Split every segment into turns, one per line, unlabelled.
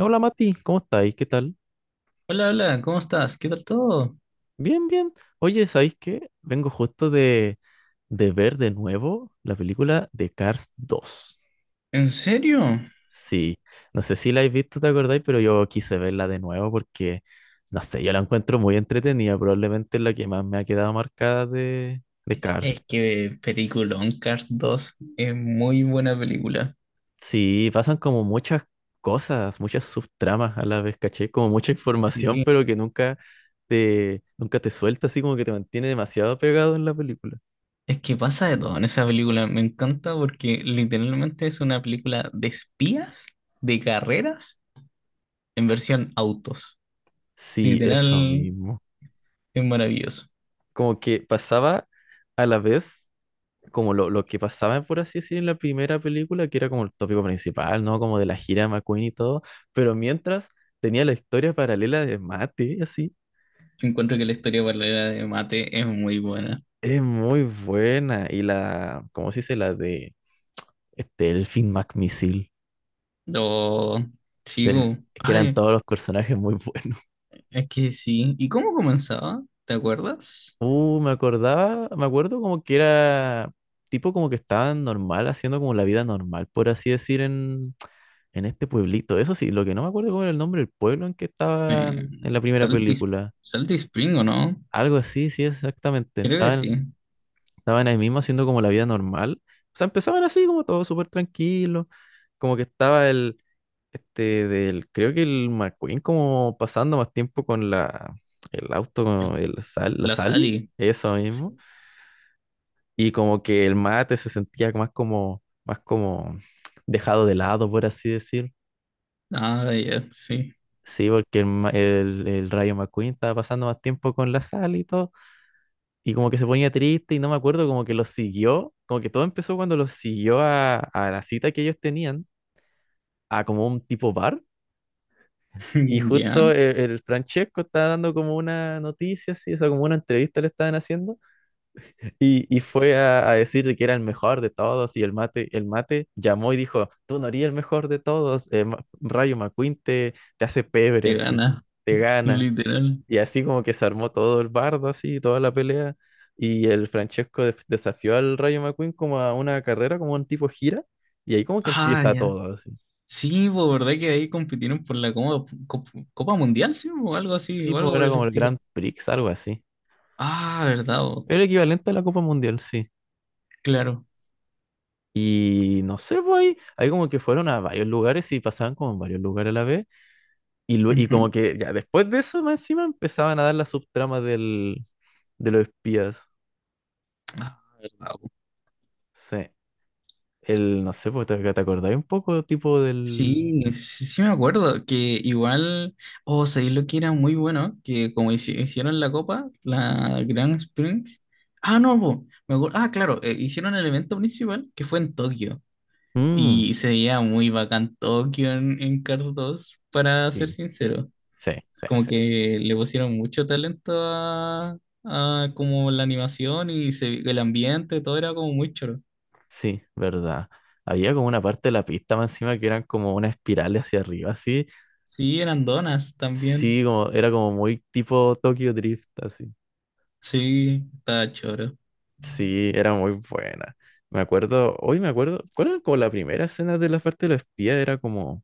Hola Mati, ¿cómo estáis? ¿Qué tal?
Hola, hola, ¿cómo estás? ¿Qué tal todo?
Bien, bien. Oye, ¿sabéis qué? Vengo justo de ver de nuevo la película de Cars 2.
¿En serio?
Sí, no sé si la habéis visto, ¿te acordáis? Pero yo quise verla de nuevo porque, no sé, yo la encuentro muy entretenida. Probablemente es la que más me ha quedado marcada de Cars.
Es que peliculón Cars dos es muy buena película.
Sí, pasan como muchas cosas, muchas subtramas a la vez, caché, como mucha información,
Sí.
pero que nunca te suelta, así como que te mantiene demasiado pegado en la película.
Es que pasa de todo en esa película. Me encanta porque literalmente es una película de espías, de carreras, en versión autos.
Sí, eso
Literal,
mismo.
es maravilloso.
Como que pasaba a la vez como lo que pasaba, por así decir, en la primera película, que era como el tópico principal, ¿no? Como de la gira de McQueen y todo, pero mientras tenía la historia paralela de Mate, así,
Yo encuentro que la historia paralela de Mate es muy buena.
es muy buena. Y la, ¿cómo se dice? La de este, el Finn McMissile,
Oh, sí,
de-
bu.
que eran
Ay,
todos los personajes muy buenos.
es que sí. ¿Y cómo comenzaba? ¿Te acuerdas?
Me acordaba, me acuerdo como que era tipo como que estaban normal, haciendo como la vida normal, por así decir, en, este pueblito. Eso sí, lo que no me acuerdo cómo era el nombre del pueblo en que estaban en la primera
Salty,
película.
Salty Spring, ¿o no?
Algo así, sí, exactamente.
Creo que sí.
Estaban ahí mismo haciendo como la vida normal. O sea, empezaban así como todo súper tranquilo, como que estaba creo que el McQueen como pasando más tiempo con la, el auto, el, la
La
Sally,
Sally.
eso mismo.
Sí.
Y como que el mate se sentía más como, dejado de lado, por así decir.
Ah, ya, sí.
Sí, porque el Rayo McQueen estaba pasando más tiempo con la sal y todo. Y como que se ponía triste y no me acuerdo, como que lo siguió. Como que todo empezó cuando lo siguió a la cita que ellos tenían, a como un tipo bar. Y
Ya,
justo el Francesco estaba dando como una noticia, así, o sea, como una entrevista le estaban haciendo. Y fue a decir que era el mejor de todos y el mate llamó y dijo, tú no eres el mejor de todos, Rayo McQueen te hace pebre
te
así,
gana,
te gana.
literal.
Y así como que se armó todo el bardo así, toda la pelea. Y el Francesco desafió al Rayo McQueen como a una carrera, como un tipo gira. Y ahí como que
Ah,
empieza
ya.
todo así.
Sí, pues, ¿verdad que ahí compitieron por la Copa, Copa Mundial, sí? O algo así,
Sí,
o
pues
algo por
era
el
como el
estilo.
Grand Prix, algo así.
Ah, ¿verdad? Po?
Era el equivalente a la Copa Mundial, sí.
Claro.
Y no sé, pues ahí como que fueron a varios lugares y pasaban como en varios lugares a la vez. Y como
Ujú.
que ya después de eso, más encima empezaban a dar las subtramas de los espías.
Ah, ¿verdad?
Sí. No sé, pues, ¿te acordáis un poco tipo del...
Sí, no, sí, sí me acuerdo que igual, oh, sabéis lo que era muy bueno, que como hicieron la copa, la Grand Springs. Ah, no, po, me acuerdo, ah, claro, hicieron el evento principal que fue en Tokio
Mm,
y se veía muy bacán Tokio en Cars 2, para ser
sí,
sincero.
sí, sí,
Como
sí.
que le pusieron mucho talento a como la animación y el ambiente, todo era como muy choro.
Sí, verdad. Había como una parte de la pista más encima que eran como una espiral hacia arriba, así.
Sí, eran donas también.
Sí, como, era como muy tipo Tokyo Drift, así.
Sí, estaba choro.
Sí, era muy buena. Me acuerdo, hoy me acuerdo, ¿cuál era como la primera escena de la parte de los espías? Era como...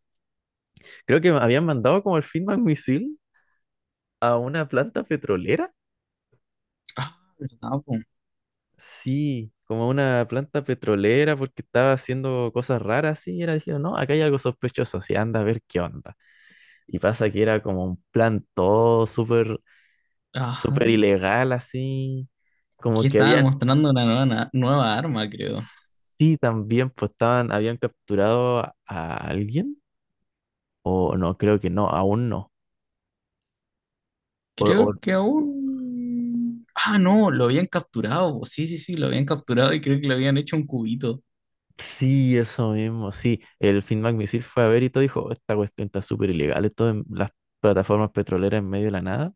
Creo que me habían mandado como el Feedback Misil a una planta petrolera.
Ah, ¿verdad, po?
Sí, como a una planta petrolera porque estaba haciendo cosas raras, sí, y era, dijeron, no, acá hay algo sospechoso, sí, anda a ver qué onda. Y pasa que era como un plan todo súper, súper
Ajá.
ilegal, así,
Que
como que
estaban
habían,
mostrando una nueva, nueva arma, creo.
sí, también, pues estaban, habían capturado a alguien, o no, creo que no, aún no. O, o
Creo que aún. Ah, no, lo habían capturado, po. Sí, sí, sí, lo habían capturado y creo que le habían hecho un cubito.
Sí, eso mismo, sí. El Finn McMissile fue a ver y todo dijo, esta cuestión está súper ilegal, esto en las plataformas petroleras en medio de la nada.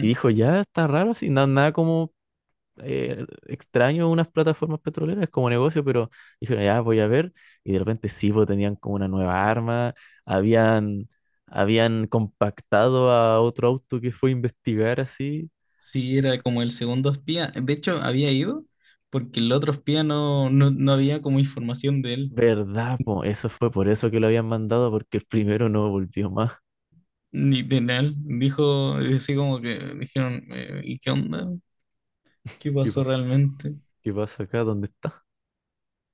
Y dijo, ya está raro, así, nada como extraño unas plataformas petroleras como negocio, pero dijeron, ya voy a ver. Y de repente sí, pues tenían como una nueva arma, habían, habían compactado a otro auto que fue a investigar así.
Sí, era como el segundo espía. De hecho, había ido porque el otro espía no había como información de él,
¿Verdad, po? Eso fue por eso que lo habían mandado, porque el primero no volvió más.
ni de él. Dijo, así como que dijeron, ¿y qué onda? ¿Qué
¿Qué
pasó
pasa
realmente?
¿Qué pasa acá? ¿Dónde está?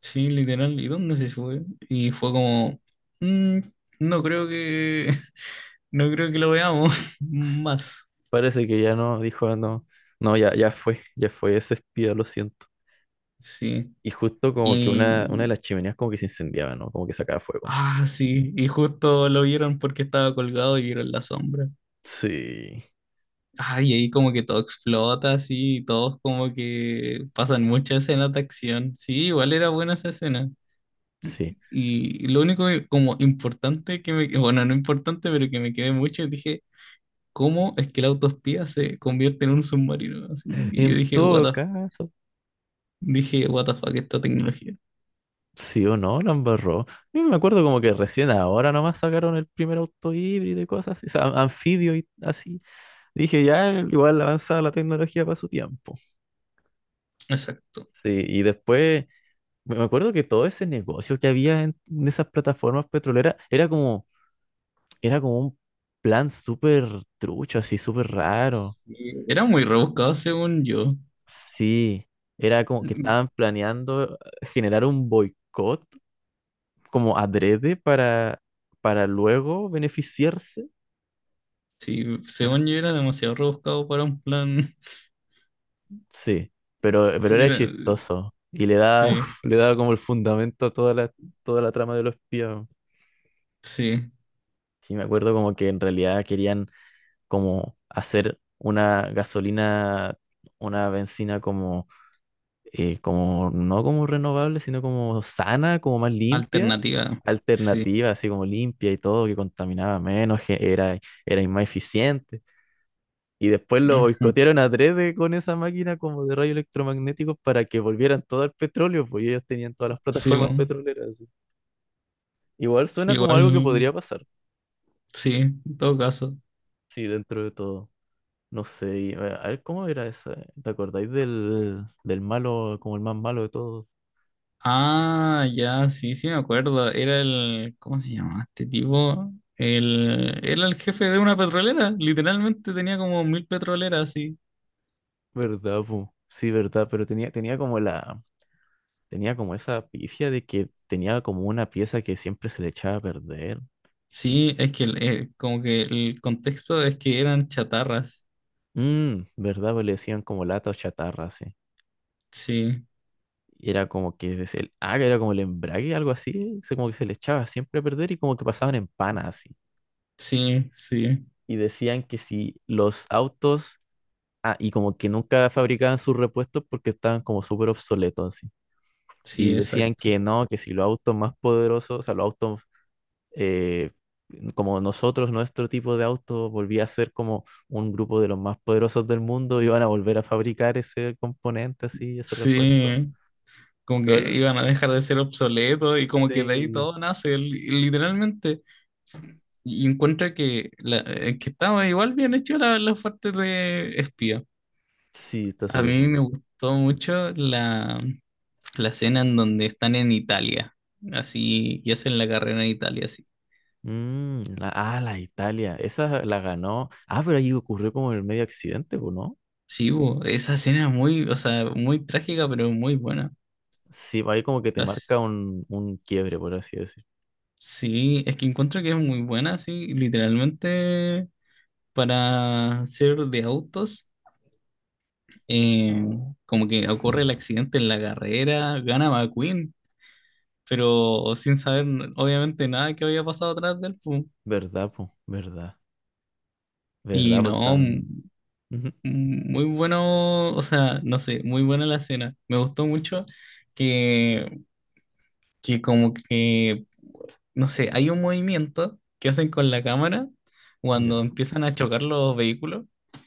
Sí, literal, ¿y dónde se fue? Y fue como, "Mm, no creo que, no creo que lo veamos más.
Parece que ya no, dijo, "Ah, no, no, ya, ya fue ese espía, lo siento."
Sí.
Y justo como que
Y,
una de las chimeneas como que se incendiaba, ¿no? Como que sacaba fuego.
ah, sí, y justo lo vieron porque estaba colgado y vieron la sombra.
Sí,
Ah, y ahí como que todo explota, así y todos como que pasan muchas escenas de acción. Sí, igual era buena esa escena.
sí.
Y lo único como importante bueno, no importante, pero que me quedé mucho, dije, ¿cómo es que el autoespía se convierte en un submarino? Así, y yo
En todo caso,
dije, what the fuck, esta tecnología.
sí o no, la embarró. Yo me acuerdo como que recién ahora nomás sacaron el primer auto híbrido y cosas así, o sea, anfibio y así. Dije, ya, igual avanzada la tecnología para su tiempo.
Exacto.
Sí, y después... Me acuerdo que todo ese negocio que había en esas plataformas petroleras Era como un plan súper trucho, así súper raro.
Sí, era muy rebuscado según yo.
Sí, era como que estaban planeando generar un boicot como adrede para, luego beneficiarse.
Sí,
Era-
según yo era demasiado rebuscado para un plan.
Sí, pero
Sí,
era chistoso y le da,
sí,
le daba como el fundamento a toda la trama de los espías.
sí.
Sí, me acuerdo como que en realidad querían como hacer una gasolina, una benzina como, no como renovable, sino como sana, como más limpia,
Alternativa. Sí.
alternativa, así como limpia y todo, que contaminaba menos, que era más eficiente. Y después lo
Ujú.
boicotearon a tres con esa máquina como de rayos electromagnéticos para que volvieran todo al petróleo, pues ellos tenían todas las
Sí,
plataformas
bueno,
petroleras, así. Igual suena como
igual,
algo que podría pasar,
sí, en todo caso.
sí, dentro de todo. No sé, y, a ver, ¿cómo era esa? ¿Te acordáis del malo, como el más malo de todos?
Ah, ya, sí, sí me acuerdo. Era el, ¿cómo se llamaba este tipo? El, era el jefe de una petrolera. Literalmente tenía como mil petroleras, sí.
¿Verdad, po? Sí, verdad, pero tenía Tenía como esa pifia de que tenía como una pieza que siempre se le echaba a perder.
Sí, es que como que el contexto es que eran chatarras.
Mmm, ¿verdad? Pues le decían como lata o chatarra, así.
Sí,
Y era como que era como el embrague, algo así, como que se le echaba siempre a perder y como que pasaban en pana, así.
sí, sí,
Y decían que si los autos, y como que nunca fabricaban sus repuestos porque estaban como súper obsoletos, así. Y
sí,
decían
exacto.
que no, que si los autos más poderosos, o sea, los autos eh, como nosotros, nuestro tipo de auto volvía a ser como un grupo de los más poderosos del mundo, iban a volver a fabricar ese componente así, ese repuesto.
Sí, como que
Igual,
iban a dejar de ser obsoletos y como que de ahí
sí.
todo nace, literalmente. Y encuentra que, que estaba igual bien hecho la parte de espía.
Sí, está
A
súper
mí
bueno.
me gustó mucho la escena en donde están en Italia, así, y hacen la carrera en Italia, así.
Mm, la Italia, esa la ganó. Ah, pero ahí ocurrió como el medio accidente, pues ¿no?
Sí, bo, esa escena es muy, o sea, muy trágica, pero muy buena.
Sí, ahí como que te marca
As-
un quiebre, por así decir.
sí, es que encuentro que es muy buena, sí, literalmente para ser de autos, eh, como que ocurre el accidente en la carrera, gana McQueen, pero sin saber obviamente nada que había pasado atrás del él, po.
¿Verdad, po? ¿Verdad?
Y
¿Verdad, pues
no,
tan... Ujú.
muy bueno, o sea, no sé, muy buena la escena. Me gustó mucho que, que como que, no sé, hay un movimiento que hacen con la cámara
Ya.
cuando empiezan a chocar los vehículos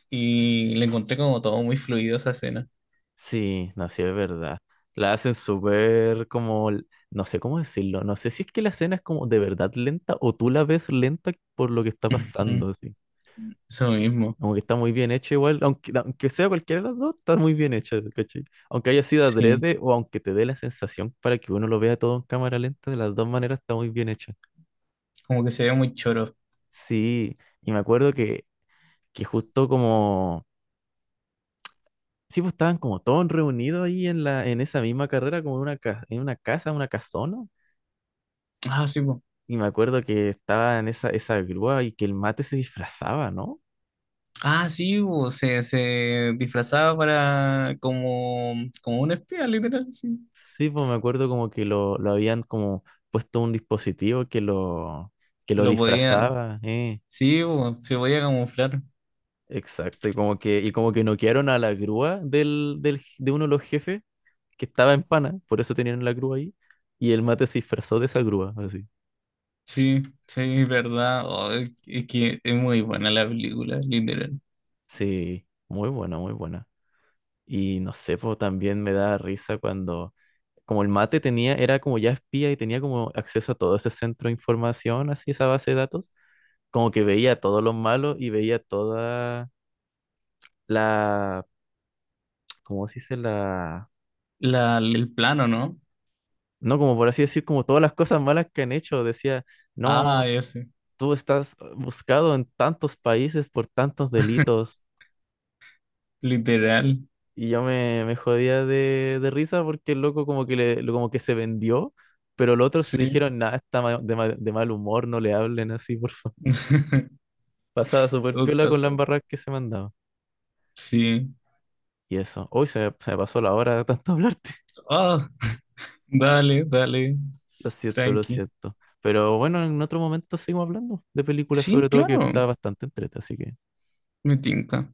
y le encontré como todo muy fluido esa escena.
Sí, no, sí, es verdad. La hacen súper como, no sé cómo decirlo, no sé si es que la escena es como de verdad lenta o tú la ves lenta por lo que está
Ujú,
pasando, así.
eso mismo,
Como que está muy bien hecha igual, aunque sea cualquiera de las dos, está muy bien hecha, ¿cachai? Aunque haya sido
sí,
adrede o aunque te dé la sensación para que uno lo vea todo en cámara lenta, de las dos maneras está muy bien hecha.
como que se ve muy choro.
Sí, y me acuerdo que, justo como... Sí, pues estaban como todos reunidos ahí en la, en esa misma carrera, como en una, en una casa, una casona.
Ah, sí, po.
Y me acuerdo que estaba en esa grúa y que el mate se disfrazaba, ¿no?
Ah, sí, po, Se disfrazaba para como, como un espía, literal, sí.
Sí, pues me acuerdo como que lo habían como puesto un dispositivo que lo
Lo podía,
disfrazaba.
sí, po, se podía camuflar.
Exacto, y como que noquearon a la grúa de uno de los jefes que estaba en pana, por eso tenían la grúa ahí, y el mate se disfrazó de esa grúa, así.
Sí, sí, es verdad. Oh, es que es muy buena la película, literal.
Sí, muy buena, muy buena. Y no sé, pues también me da risa cuando, como el mate tenía, era como ya espía y tenía como acceso a todo ese centro de información, así esa base de datos, como que veía todo lo malo y veía toda la, ¿cómo se dice? La,
La, el plano, ¿no?
no, como por así decir, como todas las cosas malas que han hecho. Decía,
Ah,
no,
ese.
tú estás buscado en tantos países por tantos delitos.
Literal.
Y yo me jodía de risa porque el loco como que, como que se vendió, pero los otros
Sí.
dijeron, nada, está de mal humor, no le hablen así, por favor. Pasaba súper
Tu
piola con la
casa.
embarrada que se mandaba.
Sí.
Y eso, hoy se me pasó la hora de tanto hablarte.
Ah, dale, dale.
Lo siento, lo
Tranqui.
siento. Pero bueno, en otro momento seguimos hablando de películas
Sí,
sobre todo que
claro.
está bastante entrete, así que
Me tinca.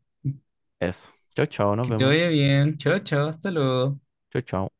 eso. Chao, chao, nos
Que te vaya
vemos.
bien. Chao, chao. Hasta luego.
Chao, chao.